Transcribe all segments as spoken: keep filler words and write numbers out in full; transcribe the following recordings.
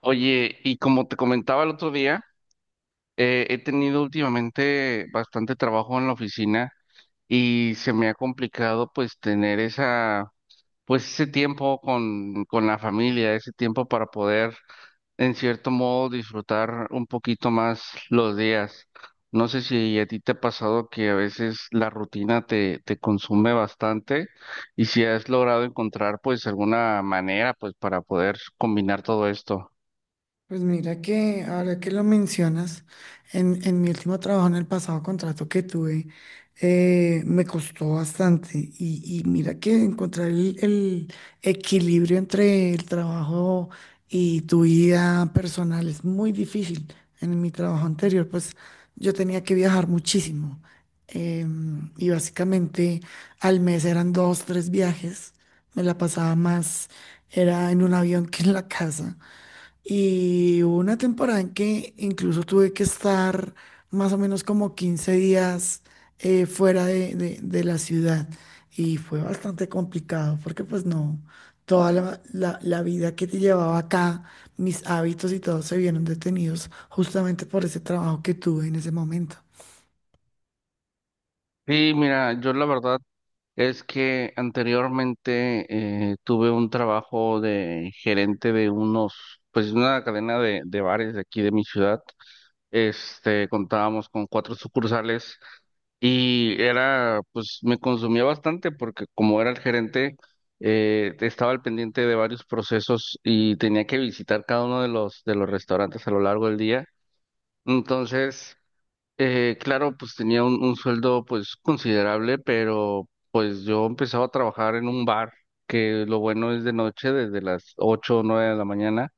Oye, y como te comentaba el otro día, eh, he tenido últimamente bastante trabajo en la oficina y se me ha complicado pues tener esa, pues ese tiempo con, con la familia, ese tiempo para poder en cierto modo disfrutar un poquito más los días. No sé si a ti te ha pasado que a veces la rutina te, te consume bastante y si has logrado encontrar pues alguna manera pues para poder combinar todo esto. Pues mira que ahora que lo mencionas, en, en mi último trabajo, en el pasado contrato que tuve, eh, me costó bastante. Y, y mira que encontrar el, el equilibrio entre el trabajo y tu vida personal es muy difícil. En mi trabajo anterior, pues yo tenía que viajar muchísimo. Em, y básicamente al mes eran dos, tres viajes. Me la pasaba más, era en un avión que en la casa. Y hubo una temporada en que incluso tuve que estar más o menos como quince días eh, fuera de, de- de la ciudad. Y fue bastante complicado porque pues no, toda la, la- la vida que te llevaba acá, mis hábitos y todo se vieron detenidos justamente por ese trabajo que tuve en ese momento. Sí, mira, yo la verdad es que anteriormente eh, tuve un trabajo de gerente de unos, pues una cadena de, de bares de aquí de mi ciudad. Este, contábamos con cuatro sucursales y era, pues me consumía bastante porque como era el gerente, eh, estaba al pendiente de varios procesos y tenía que visitar cada uno de los, de los restaurantes a lo largo del día. Entonces... Eh, claro, pues tenía un, un sueldo pues considerable, pero pues yo empezaba a trabajar en un bar, que lo bueno es de noche, desde las ocho o 9 de la mañana.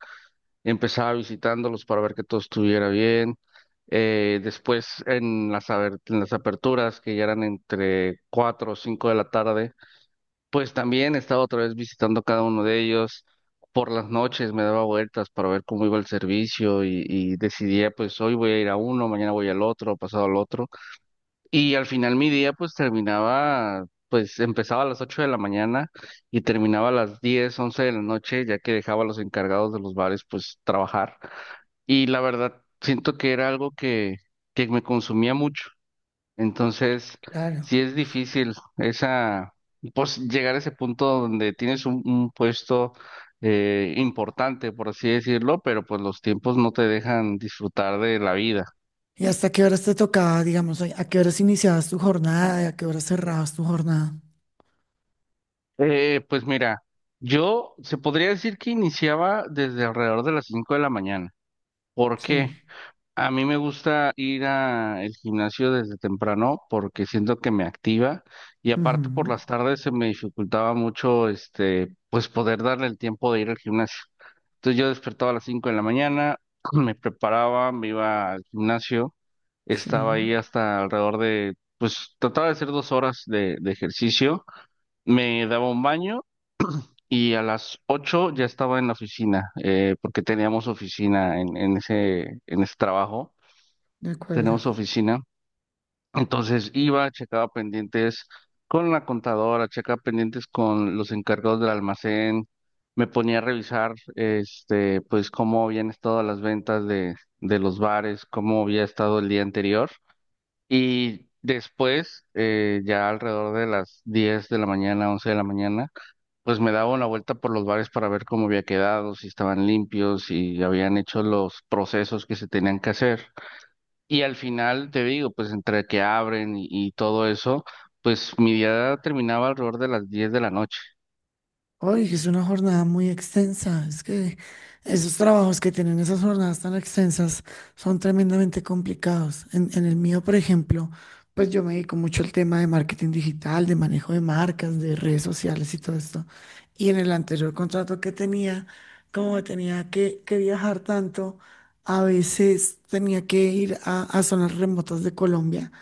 Empezaba visitándolos para ver que todo estuviera bien. Eh, después en las, aber- en las aperturas, que ya eran entre cuatro o cinco de la tarde, pues también estaba otra vez visitando cada uno de ellos. Por las noches me daba vueltas para ver cómo iba el servicio y, y decidía pues hoy voy a ir a uno, mañana voy al otro, pasado al otro. Y al final mi día pues terminaba, pues empezaba a las ocho de la mañana y terminaba a las diez once de la noche, ya que dejaba a los encargados de los bares pues trabajar. Y la verdad, siento que era algo que, que me consumía mucho. Entonces, Claro. sí es difícil esa, pues llegar a ese punto donde tienes un, un puesto eh, importante, por así decirlo, pero pues los tiempos no te dejan disfrutar de la vida. ¿Y hasta qué horas te tocaba, digamos, a a qué horas iniciabas tu jornada y a qué horas cerrabas tu jornada? Eh, pues mira, yo se podría decir que iniciaba desde alrededor de las cinco de la mañana. ¿Por qué? Sí. A mí me gusta ir al gimnasio desde temprano porque siento que me activa y aparte por Ujú. las tardes se me dificultaba mucho este, pues poder darle el tiempo de ir al gimnasio. Entonces yo despertaba a las cinco de la mañana, me preparaba, me iba al gimnasio, Sí, estaba ahí hasta alrededor de, pues trataba de hacer dos horas de de ejercicio. Me daba un baño y a las ocho ya estaba en la oficina, eh, porque teníamos oficina en, en ese, en ese trabajo, de acuerdo. tenemos oficina. Entonces iba, checaba pendientes con la contadora, checaba pendientes con los encargados del almacén, me ponía a revisar, este, pues cómo habían estado las ventas de, de los bares, cómo había estado el día anterior. Y después, eh, ya alrededor de las diez de la mañana, once de la mañana, pues me daba una vuelta por los bares para ver cómo había quedado, si estaban limpios, si habían hecho los procesos que se tenían que hacer. Y al final, te digo, pues entre que abren y, y todo eso, pues mi día terminaba alrededor de las diez de la noche. Oye, es una jornada muy extensa. Es que esos trabajos que tienen esas jornadas tan extensas son tremendamente complicados. En, en el mío, por ejemplo, pues yo me dedico mucho al tema de marketing digital, de manejo de marcas, de redes sociales y todo esto. Y en el anterior contrato que tenía, como tenía que, que viajar tanto, a veces tenía que ir a, a zonas remotas de Colombia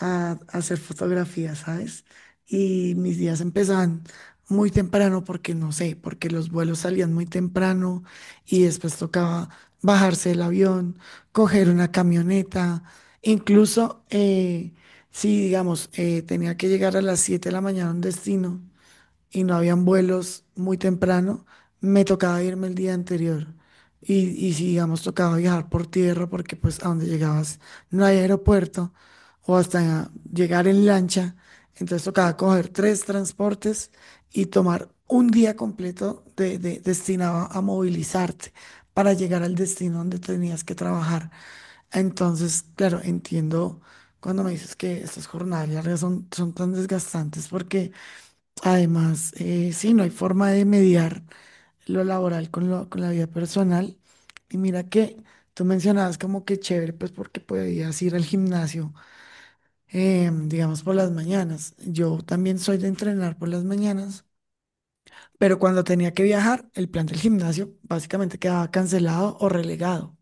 a, a hacer fotografías, ¿sabes? Y mis días empezaban muy temprano porque no sé, porque los vuelos salían muy temprano y después tocaba bajarse del avión, coger una camioneta, incluso eh, si digamos eh, tenía que llegar a las siete de la mañana a un destino y no habían vuelos muy temprano, me tocaba irme el día anterior. Y, y si, digamos, tocaba viajar por tierra, porque pues a donde llegabas no hay aeropuerto, o hasta llegar en lancha, entonces tocaba coger tres transportes y tomar un día completo de, de- destinado a movilizarte para llegar al destino donde tenías que trabajar. Entonces, claro, entiendo cuando me dices que estas jornadas largas son, son tan desgastantes porque además, eh, sí, no hay forma de mediar lo laboral con, lo, con la vida personal. Y mira que tú mencionabas como que chévere, pues porque podías ir al gimnasio, eh, digamos, por las mañanas. Yo también soy de entrenar por las mañanas, pero cuando tenía que viajar, el plan del gimnasio básicamente quedaba cancelado o relegado.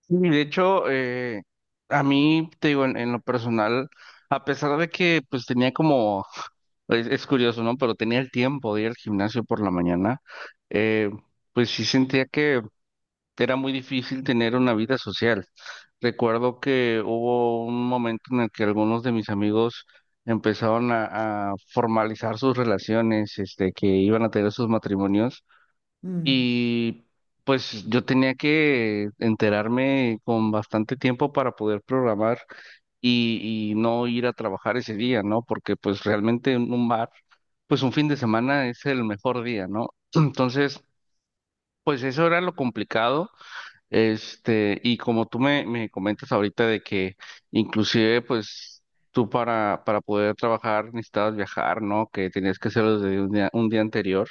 Sí, de hecho, eh, a mí, te digo, en, en lo personal, a pesar de que pues tenía como, es, es curioso, ¿no? Pero tenía el tiempo de ir al gimnasio por la mañana, eh, pues sí sentía que era muy difícil tener una vida social. Recuerdo que hubo un momento en el que algunos de mis amigos empezaron a, a formalizar sus relaciones, este, que iban a tener sus matrimonios Mm, y pues yo tenía que enterarme con bastante tiempo para poder programar y, y no ir a trabajar ese día, ¿no? Porque pues realmente en un bar, pues un fin de semana es el mejor día, ¿no? Entonces, pues eso era lo complicado. Este, y como tú me, me comentas ahorita de que inclusive pues tú para, para poder trabajar necesitabas viajar, ¿no? Que tenías que hacerlo desde un día, un día anterior.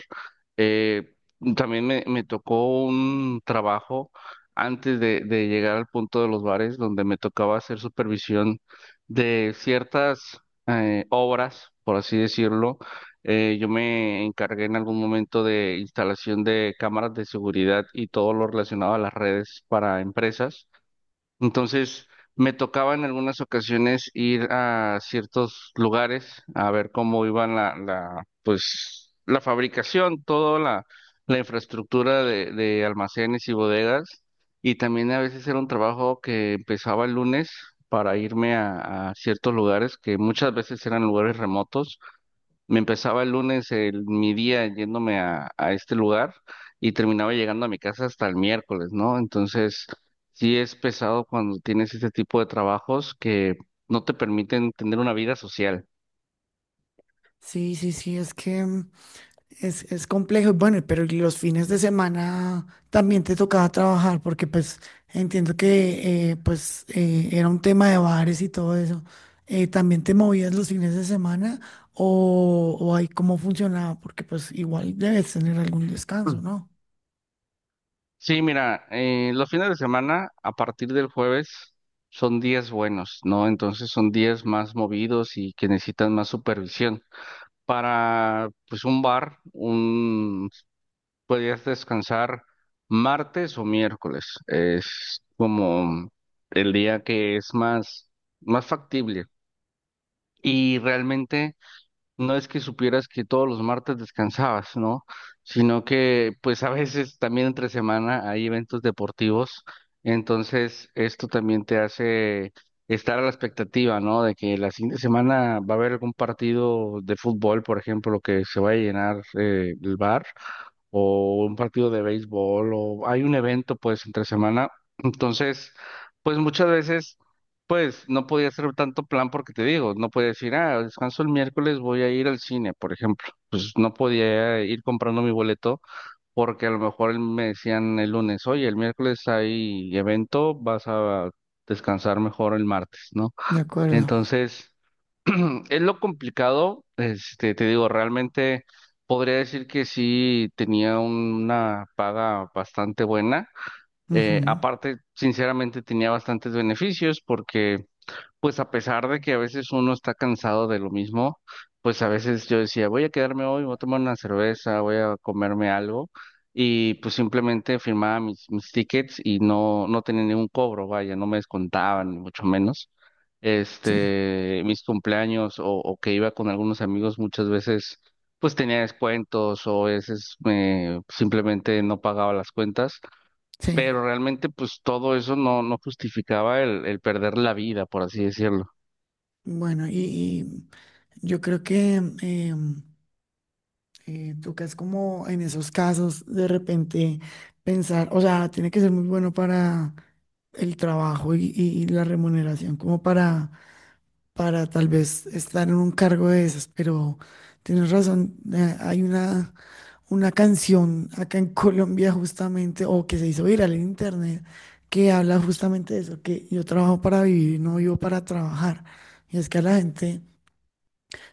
Eh, también me, me tocó un trabajo antes de, de llegar al punto de los bares donde me tocaba hacer supervisión de ciertas eh, obras, por así decirlo. eh, yo me encargué en algún momento de instalación de cámaras de seguridad y todo lo relacionado a las redes para empresas. Entonces, me tocaba en algunas ocasiones ir a ciertos lugares a ver cómo iban la, la, pues, la fabricación, toda la, la infraestructura de, de almacenes y bodegas. Y también a veces era un trabajo que empezaba el lunes para irme a a ciertos lugares que muchas veces eran lugares remotos. Me empezaba el lunes el, mi día yéndome a, a este lugar y terminaba llegando a mi casa hasta el miércoles, ¿no? Entonces, sí es pesado cuando tienes este tipo de trabajos que no te permiten tener una vida social. sí, sí, sí, es que mm, Es, es complejo, bueno, pero ¿y los fines de semana también te tocaba trabajar, porque pues entiendo que eh, pues eh, era un tema de bares y todo eso? Eh, ¿también te movías los fines de semana o, o ahí cómo funcionaba? Porque pues igual debes tener algún descanso, Mm. ¿no? Sí, mira, eh, los fines de semana a partir del jueves son días buenos, ¿no? Entonces son días más movidos y que necesitan más supervisión. Para, pues, un bar, un podrías descansar martes o miércoles. Es como el día que es más, más factible. Y realmente no es que supieras que todos los martes descansabas, ¿no? Sino que pues a veces también entre semana hay eventos deportivos. Entonces esto también te hace estar a la expectativa, ¿no? De que la siguiente semana va a haber algún partido de fútbol, por ejemplo, que se va a llenar eh, el bar o un partido de béisbol o hay un evento pues entre semana. Entonces, pues muchas veces pues no podía hacer tanto plan porque te digo, no podía decir, ah, descanso el miércoles, voy a ir al cine, por ejemplo. Pues no podía ir comprando mi boleto porque a lo mejor me decían el lunes, oye, el miércoles hay evento, vas a descansar mejor el martes, ¿no? De acuerdo. Entonces... Es lo complicado, este, te digo, realmente podría decir que sí tenía una paga bastante buena. Eh, Ujú. aparte, sinceramente, tenía bastantes beneficios porque pues a pesar de que a veces uno está cansado de lo mismo, pues a veces yo decía, voy a quedarme hoy, voy a tomar una cerveza, voy a comerme algo, y pues simplemente firmaba mis, mis tickets y no, no tenía ningún cobro, vaya, no me descontaban, ni mucho menos. Sí, Este, mis cumpleaños o, o que iba con algunos amigos muchas veces, pues tenía descuentos o a veces me simplemente no pagaba las cuentas, sí. pero realmente pues todo eso no, no justificaba el, el perder la vida, por así decirlo. Bueno, y, y yo creo que em, Eh, tocas como en esos casos de repente pensar, o sea, tiene que ser muy bueno para el trabajo y, y- y la remuneración, como para, para tal vez estar en un cargo de esas, pero tienes razón, eh, hay una, una canción acá en Colombia justamente, o que se hizo viral en internet, que habla justamente de eso, que yo trabajo para vivir, no vivo para trabajar. Y es que a la gente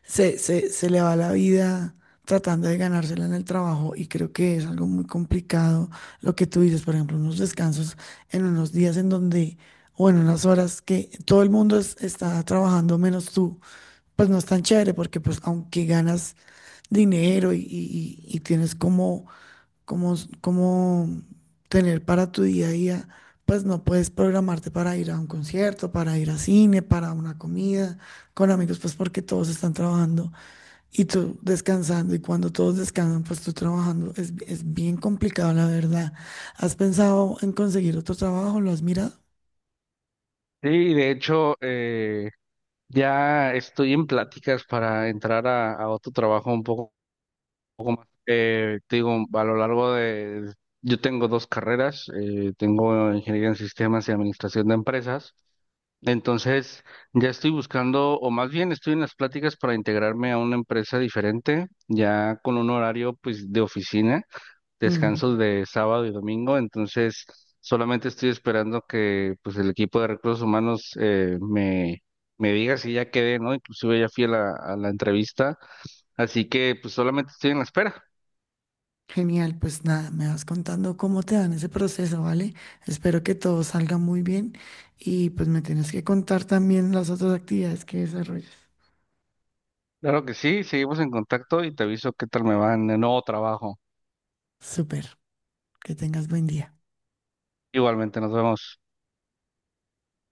se, se, se le va la vida tratando de ganársela en el trabajo y creo que es algo muy complicado lo que tú dices, por ejemplo, unos descansos en unos días en donde, o en unas horas que todo el mundo es- está trabajando menos tú, pues no es tan chévere porque pues aunque ganas dinero y, y- y- y tienes como, como, como tener para tu día a día. Pues no puedes programarte para ir a un concierto, para ir a cine, para una comida con amigos, pues porque todos están trabajando. Y tú descansando, y cuando todos descansan, pues tú trabajando. Es, es bien complicado, la verdad. ¿Has pensado en conseguir otro trabajo? ¿Lo has mirado? Sí, de hecho, eh, ya estoy en pláticas para entrar a, a otro trabajo un poco. eh, te digo, a lo largo de... Yo tengo dos carreras, eh, tengo ingeniería en sistemas y administración de empresas. Entonces, ya estoy buscando, o más bien estoy en las pláticas para integrarme a una empresa diferente, ya con un horario pues de oficina, Mm, descansos de sábado y domingo, entonces solamente estoy esperando que pues el equipo de recursos humanos eh, me, me diga si ya quedé, ¿no? Inclusive ya fui a la, a la entrevista, así que pues solamente estoy en la espera. Genial, pues nada, me vas contando cómo te dan ese proceso, ¿vale? Espero que todo salga muy bien y pues me tienes que contar también las otras actividades que desarrollas. Claro que sí, seguimos en contacto y te aviso qué tal me va en el nuevo trabajo. Súper, que tengas buen día. Igualmente, nos vemos.